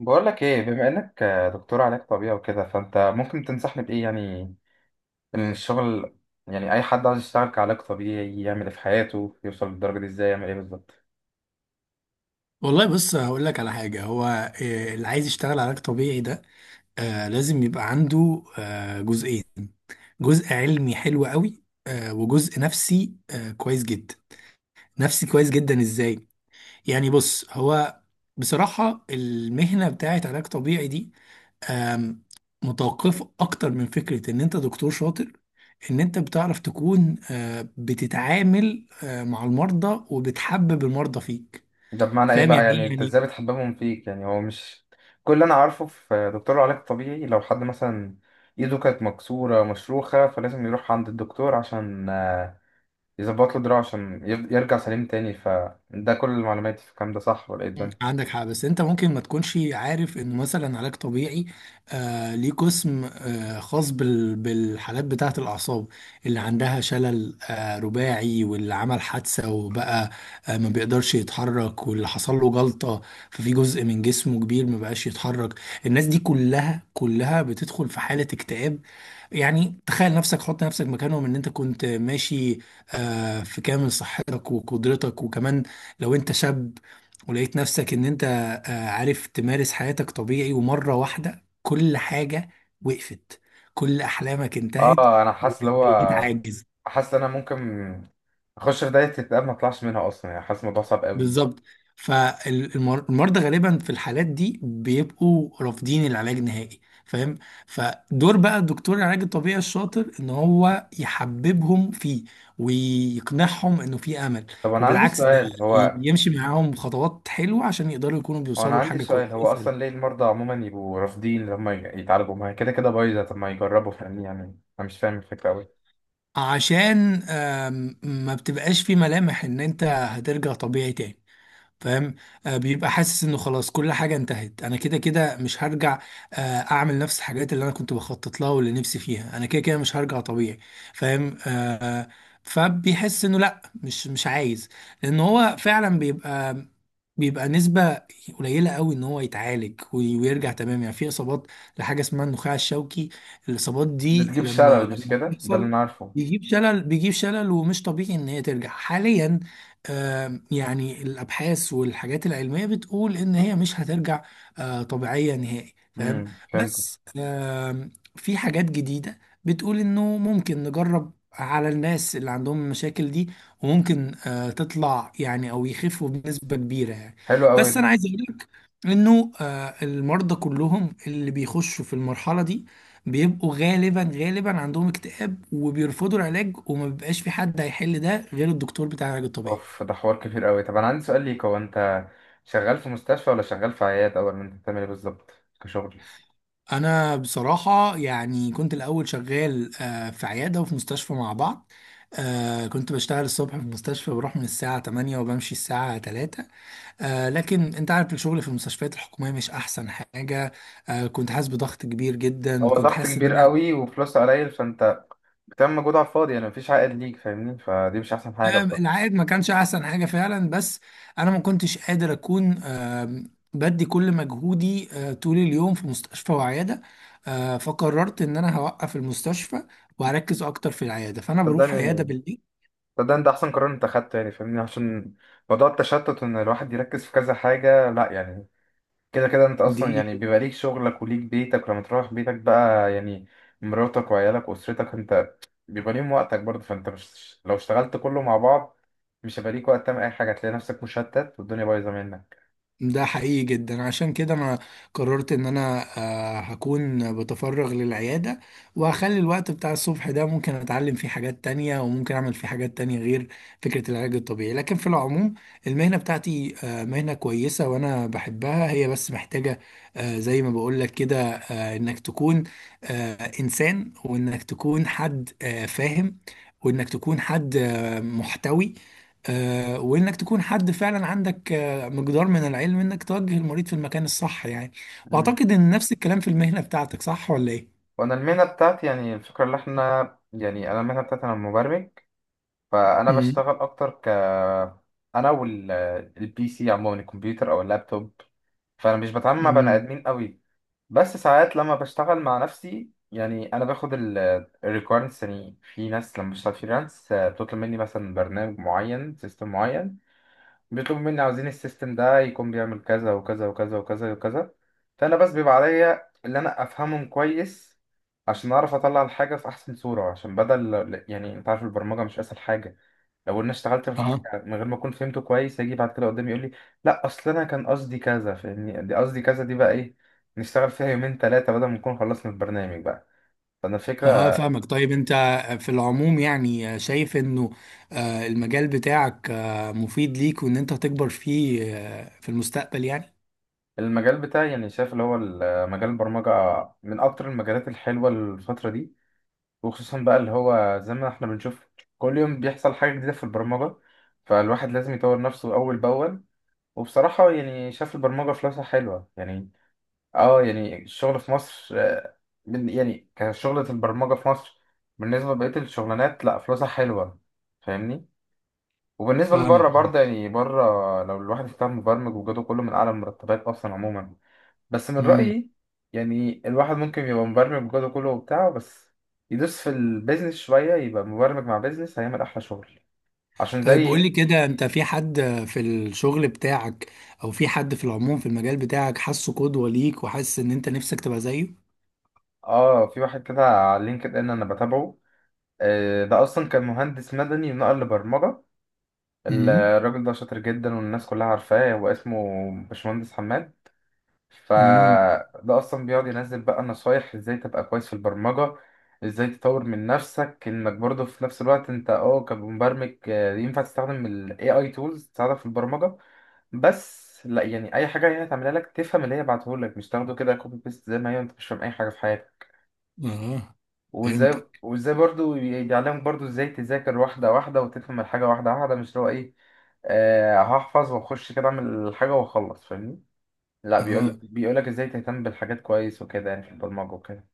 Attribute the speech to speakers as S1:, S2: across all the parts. S1: بقول لك ايه؟ بما انك دكتور علاج طبيعي وكده، فانت ممكن تنصحني بايه؟ يعني ان الشغل، يعني اي حد عايز يشتغل كعلاج طبيعي يعمل ايه في حياته؟ يوصل للدرجه دي ازاي؟ يعمل ايه بالظبط؟
S2: والله بص هقول لك على حاجة. هو اللي عايز يشتغل علاج طبيعي ده لازم يبقى عنده جزئين. جزء علمي حلو قوي وجزء نفسي كويس جدا. نفسي كويس جدا ازاي؟ يعني بص هو بصراحة المهنة بتاعت علاج طبيعي دي آم، متوقفة اكتر من فكرة ان انت دكتور شاطر، ان انت بتعرف تكون بتتعامل مع المرضى وبتحبب المرضى فيك.
S1: ده بمعنى ايه
S2: فاهم
S1: بقى؟
S2: يعني
S1: يعني
S2: ايه
S1: انت
S2: يعني؟
S1: ازاي بتحببهم فيك؟ يعني هو مش كل اللي انا عارفه في دكتور علاج طبيعي لو حد مثلا ايده كانت مكسوره مشروخه فلازم يروح عند الدكتور عشان يظبط له دراعه عشان يرجع سليم تاني. فده كل المعلومات في الكلام ده، صح ولا ايه الدنيا؟
S2: عندك حق، بس انت ممكن ما تكونش عارف انه مثلا علاج طبيعي ليه قسم خاص بالحالات بتاعه الاعصاب، اللي عندها شلل رباعي، واللي عمل حادثه وبقى ما بيقدرش يتحرك، واللي حصل له جلطه ففي جزء من جسمه كبير ما بقاش يتحرك. الناس دي كلها بتدخل في حاله اكتئاب. يعني تخيل نفسك، حط نفسك مكانهم، ان انت كنت ماشي في كامل صحتك وقدرتك، وكمان لو انت شاب ولقيت نفسك ان انت عارف تمارس حياتك طبيعي، ومرة واحدة كل حاجة وقفت، كل احلامك انتهت،
S1: اه، انا حاسس اللي هو،
S2: وبقيت عاجز.
S1: حاسس ان انا ممكن اخش في دايره اكتئاب ما اطلعش منها اصلا. يعني حاسس الموضوع صعب قوي.
S2: بالظبط. فالمرضى غالبا في الحالات دي بيبقوا رافضين العلاج نهائي، فاهم. فدور بقى دكتور العلاج الطبيعي الشاطر ان هو يحببهم فيه، ويقنعهم انه في امل،
S1: طب انا عندي
S2: وبالعكس، ده
S1: سؤال، هو
S2: يمشي معاهم خطوات حلوة عشان يقدروا يكونوا
S1: هو انا
S2: بيوصلوا
S1: عندي
S2: لحاجة
S1: سؤال
S2: كويسة.
S1: هو
S2: اسأل.
S1: اصلا ليه المرضى عموما يبقوا رافضين لما يتعالجوا؟ ما هي كده كده بايظه، طب ما يجربوا. فاهمني؟ يعني انا مش فاهم الفكره قوي.
S2: عشان ما بتبقاش في ملامح ان انت هترجع طبيعي تاني، فاهم. بيبقى حاسس انه خلاص كل حاجه انتهت، انا كده كده مش هرجع، آه، اعمل نفس الحاجات اللي انا كنت بخطط لها واللي نفسي فيها، انا كده كده مش هرجع طبيعي. فاهم. فبيحس انه لا، مش عايز. لان هو فعلا بيبقى نسبة قليلة قوي ان هو يتعالج ويرجع تمام. يعني في اصابات لحاجة اسمها النخاع الشوكي. الاصابات
S1: ده
S2: دي
S1: تجيب
S2: لما
S1: شلل، مش
S2: لما
S1: كده؟ ده اللي
S2: بتحصل
S1: انا عارفه.
S2: بيجيب شلل. بيجيب شلل، ومش طبيعي ان هي ترجع حاليا. يعني الابحاث والحاجات العلميه بتقول ان هي مش هترجع طبيعيه نهائي، فاهم.
S1: فهمت.
S2: بس في حاجات جديده بتقول انه ممكن نجرب على الناس اللي عندهم المشاكل دي، وممكن تطلع يعني، او يخفوا بنسبه كبيره يعني.
S1: حلو قوي
S2: بس
S1: ده.
S2: انا عايز اقول لك انه المرضى كلهم اللي بيخشوا في المرحله دي بيبقوا غالبا عندهم اكتئاب وبيرفضوا العلاج، وما بيبقاش في حد هيحل ده غير الدكتور بتاع العلاج الطبيعي.
S1: اوف، ده حوار كبير قوي. طب انا عندي سؤال ليك، هو انت شغال في مستشفى ولا شغال في عياده؟ ولا انت بتعمل ايه بالظبط كشغل؟
S2: انا بصراحه يعني كنت الاول شغال في عياده وفي مستشفى مع بعض. كنت بشتغل الصبح في المستشفى، بروح من الساعه 8 وبمشي الساعه 3. لكن انت عارف الشغل في المستشفيات الحكوميه مش احسن حاجه. كنت حاسس بضغط كبير جدا،
S1: هو
S2: كنت
S1: ضغط
S2: حاسس ان
S1: كبير
S2: انا
S1: قوي وفلوس قليل، فانت بتعمل مجهود على الفاضي، يعني مفيش عائد ليك، فاهمني؟ فدي مش احسن حاجه بصراحه.
S2: العائد ما كانش احسن حاجه فعلا، بس انا ما كنتش قادر اكون بدي كل مجهودي طول اليوم في مستشفى وعياده. فقررت ان انا هوقف المستشفى، وهركز اكتر في العياده، فانا بروح عياده
S1: صدقني،
S2: بالليل.
S1: صدقني ده احسن قرار انت اخدته، يعني فاهمني؟ عشان موضوع التشتت وان الواحد يركز في كذا حاجه، لا يعني. كده كده انت
S2: دي
S1: اصلا يعني بيبقى ليك شغلك وليك بيتك، ولما تروح بيتك بقى يعني مراتك وعيالك واسرتك، انت بيبقى ليهم وقتك برضه. فانت مش لو اشتغلت كله مع بعض مش هيبقى ليك وقت تعمل اي حاجه، هتلاقي نفسك مشتت والدنيا بايظه منك.
S2: ده حقيقي جدا. عشان كده انا قررت ان انا هكون بتفرغ للعيادة، وهخلي الوقت بتاع الصبح ده ممكن اتعلم فيه حاجات تانية وممكن اعمل فيه حاجات تانية غير فكرة العلاج الطبيعي. لكن في العموم المهنة بتاعتي مهنة كويسة وانا بحبها، هي بس محتاجة زي ما بقولك كده انك تكون آه، انسان، وانك تكون حد فاهم، وانك تكون حد محتوي، وانك تكون حد فعلا عندك مقدار من العلم انك توجه المريض في المكان الصح يعني.
S1: مم.
S2: واعتقد ان نفس الكلام في المهنة بتاعتك، صح ولا ايه؟
S1: وانا المهنه بتاعتي يعني الفكره اللي احنا، يعني انا المهنه بتاعتي انا مبرمج، فانا
S2: امم.
S1: بشتغل اكتر ك، انا والبي سي عموما، الكمبيوتر او اللابتوب. فانا مش بتعامل مع بني
S2: امم.
S1: ادمين قوي. بس ساعات لما بشتغل مع نفسي، يعني انا باخد الريكويرمنتس. يعني في ناس لما بشتغل فريلانس بتطلب مني مثلا برنامج معين، سيستم معين. بيطلبوا مني عاوزين السيستم ده يكون بيعمل كذا وكذا وكذا وكذا وكذا، فانا بس بيبقى عليا اللي انا افهمهم كويس عشان اعرف اطلع الحاجه في احسن صوره. عشان بدل، يعني انت عارف البرمجه مش اسهل حاجه، لو انا اشتغلت في
S2: اه.
S1: الحاجه من غير ما اكون فهمته كويس هيجي بعد كده قدامي يقول لي لا اصل انا كان قصدي كذا، فاهمني؟ دي قصدي كذا، دي بقى ايه، نشتغل فيها يومين ثلاثه بدل ما نكون خلصنا البرنامج بقى. فانا
S2: اه،
S1: الفكره،
S2: فاهمك. طيب انت في العموم يعني شايف انه المجال بتاعك مفيد ليك، وان انت هتكبر فيه في المستقبل يعني.
S1: المجال بتاعي يعني شايف اللي هو مجال البرمجه من اكتر المجالات الحلوه الفتره دي، وخصوصا بقى اللي هو زي ما احنا بنشوف كل يوم بيحصل حاجه جديده في البرمجه، فالواحد لازم يطور نفسه اول باول. وبصراحه يعني شايف البرمجه فلوسها حلوه يعني. اه، يعني الشغل في مصر يعني كشغلة البرمجة في مصر بالنسبة لبقية الشغلانات، لا فلوسها حلوة، فاهمني؟ وبالنسبة
S2: فاهمك.
S1: لبره برضه، يعني بره لو الواحد اشتغل مبرمج وجوده كله، من أعلى المرتبات أصلا عموما. بس من
S2: امم.
S1: رأيي يعني الواحد ممكن يبقى مبرمج وجوده كله وبتاع، بس يدوس في البيزنس شوية، يبقى مبرمج مع بيزنس، هيعمل أحلى شغل. عشان
S2: طيب قول
S1: زي،
S2: لي كده، انت في حد في الشغل بتاعك او في حد في العموم في المجال بتاعك حاسه قدوة ليك، وحاسس ان انت نفسك تبقى زيه؟
S1: اه، في واحد كده على لينكد إن أنا بتابعه، ده أصلا كان مهندس مدني ونقل لبرمجة. الراجل ده شاطر جدا، والناس كلها عارفاه، هو اسمه باشمهندس حماد.
S2: امم.
S1: فده اصلا بيقعد ينزل بقى نصايح ازاي تبقى كويس في البرمجة، ازاي تطور من نفسك، انك برضه في نفس الوقت انت اه كمبرمج ينفع تستخدم ال AI tools تساعدك في البرمجة. بس لا يعني اي حاجة هي هتعملها لك تفهم اللي هي بعتهولك، مش تاخده كده كوبي بيست زي ما هي انت مش فاهم اي حاجة في حياتك.
S2: اه،
S1: وازاي
S2: فهمتك.
S1: وازاي برضو بيعلمك برضو ازاي تذاكر واحدة واحدة وتفهم الحاجة واحدة واحدة، مش اللي هو ايه، آه هحفظ واخش كده اعمل الحاجة واخلص، فاهمني؟ لا،
S2: اه.
S1: بيقول، بيقولك ازاي تهتم بالحاجات كويس وكده يعني في البرمجة وكده.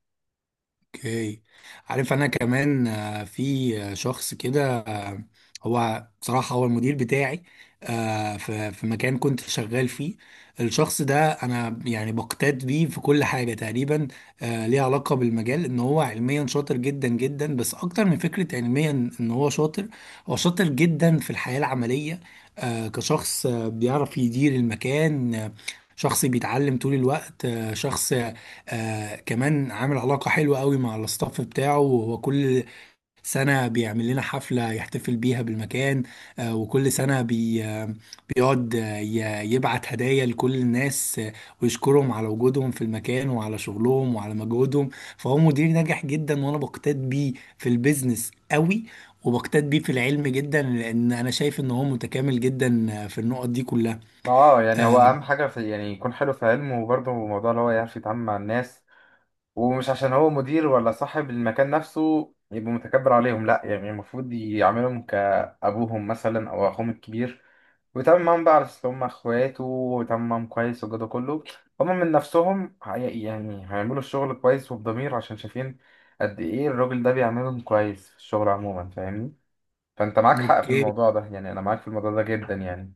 S2: اوكي. عارف انا كمان في شخص كده هو بصراحة هو المدير بتاعي في مكان كنت شغال فيه. الشخص ده انا يعني بقتات بيه في كل حاجة تقريبا ليها علاقة بالمجال. ان هو علميا شاطر جدا جدا، بس اكتر من فكرة علميا ان هو شاطر، هو شاطر جدا في الحياة العملية. كشخص بيعرف يدير المكان، شخص بيتعلم طول الوقت، شخص كمان عامل علاقة حلوة قوي مع الاستاف بتاعه. وهو كل سنة بيعمل لنا حفلة يحتفل بيها بالمكان. وكل سنة بيقعد يبعت هدايا لكل الناس، ويشكرهم على وجودهم في المكان وعلى شغلهم وعلى مجهودهم. فهو مدير ناجح جدا، وانا بقتاد بيه في البيزنس قوي، وبقتاد بيه في العلم جدا، لان انا شايف ان هو متكامل جدا في النقط دي كلها.
S1: ما اه يعني هو
S2: آه.
S1: اهم حاجه في، يعني يكون حلو في علمه وبرضه موضوع اللي هو يعرف يتعامل مع الناس. ومش عشان هو مدير ولا صاحب المكان نفسه يبقى متكبر عليهم، لا يعني المفروض يعاملهم كابوهم مثلا او اخوهم الكبير، وبيتعامل معاهم بقى على أساس إن هم إخواته، وبيتعامل معاهم كويس. والجو ده كله هم من نفسهم يعني هيعملوا الشغل كويس وبضمير، عشان شايفين قد إيه الراجل ده بيعملهم كويس في الشغل عموما، فاهمني؟ فأنت معاك حق في
S2: اوكي.
S1: الموضوع ده، يعني أنا معاك في الموضوع ده جدا يعني.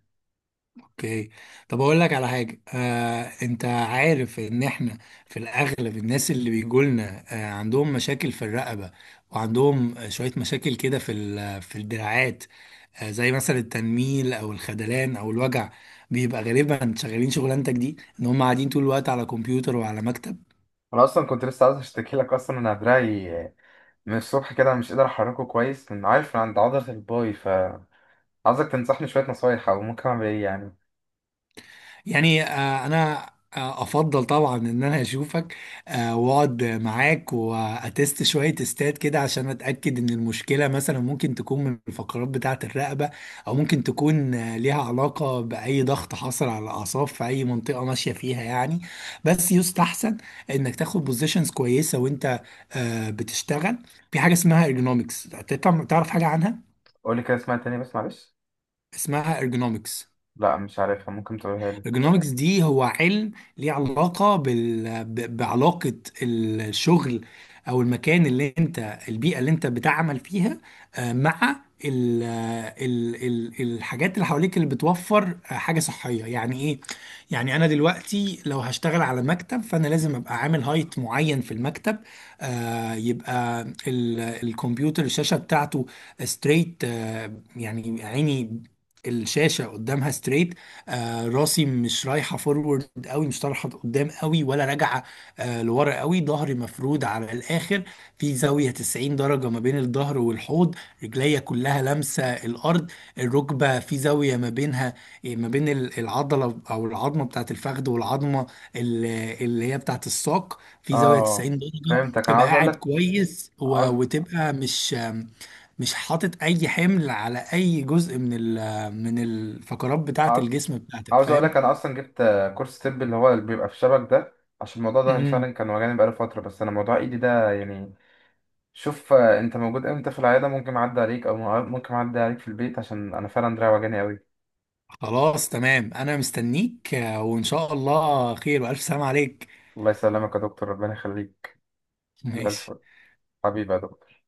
S2: اوكي. طب اقول لك على حاجه. انت عارف ان احنا في الاغلب الناس اللي بيجولنا عندهم مشاكل في الرقبه، وعندهم شويه مشاكل كده في في الدراعات، زي مثلا التنميل او الخدلان او الوجع. بيبقى غالبا شغالين شغلانتك دي ان هم قاعدين طول الوقت على كمبيوتر وعلى مكتب.
S1: أنا أصلا كنت لسه عاوز أشتكي لك أصلا، إن دراعي من الصبح كده مش قادر أحركه كويس، من عارف من عند عضلة الباي، فعاوزك تنصحني شوية نصايح أو ممكن أعمل إيه يعني.
S2: يعني انا افضل طبعا ان انا اشوفك واقعد معاك واتست شويه تستات كده، عشان اتاكد ان المشكله مثلا ممكن تكون من الفقرات بتاعه الرقبه، او ممكن تكون ليها علاقه باي ضغط حصل على الاعصاب في اي منطقه ماشيه فيها يعني. بس يستحسن انك تاخد بوزيشنز كويسه وانت بتشتغل. في حاجه اسمها ارجونومكس. تعرف حاجه عنها؟
S1: قولي كده اسمها تاني بس معلش.
S2: اسمها ارجونومكس.
S1: لا مش عارفها، ممكن تقولها لي.
S2: الجنوركس دي هو علم ليه علاقة بعلاقة الشغل، أو المكان اللي أنت، البيئة اللي أنت بتعمل فيها مع الحاجات اللي حواليك، اللي بتوفر حاجة صحية. يعني إيه؟ يعني أنا دلوقتي لو هشتغل على مكتب فأنا لازم أبقى عامل هايت معين في المكتب. يبقى الكمبيوتر، الشاشة بتاعته ستريت. يعني عيني الشاشة قدامها ستريت. راسي مش رايحه فورورد قوي، مش طالعه قدام قوي ولا راجعه لورا قوي. ظهري مفرود على الاخر، في زاويه 90 درجه ما بين الظهر والحوض. رجليا كلها لامسه الارض. الركبه في زاويه ما بينها ما بين العضله او العظمه بتاعت الفخذ، والعظمه ال- اللي هي بتاعت الساق، في زاويه
S1: اه
S2: 90 درجه.
S1: فهمتك. انا
S2: تبقى
S1: عاوز اقول
S2: قاعد
S1: لك،
S2: كويس
S1: عاوز،
S2: وتبقى مش مش حاطط اي حمل على اي جزء من من الفقرات بتاعة
S1: عاوز
S2: الجسم بتاعتك،
S1: عاوز اقول
S2: فاهم.
S1: لك، انا اصلا جبت كورس طب اللي هو اللي بيبقى في شبك ده، عشان موضوع ظهري فعلا
S2: امم.
S1: كان وجعني بقاله فتره. بس انا موضوع ايدي ده يعني، شوف انت موجود امتى في العياده؟ ممكن اعدي عليك، او ممكن اعدي عليك في البيت، عشان انا فعلا دراعي وجعني قوي.
S2: خلاص، تمام. انا مستنيك، وان شاء الله خير، والف سلام عليك.
S1: الله يسلمك يا دكتور، ربنا يخليك. زي
S2: ماشي.
S1: الفل. حبيبي يا دكتور.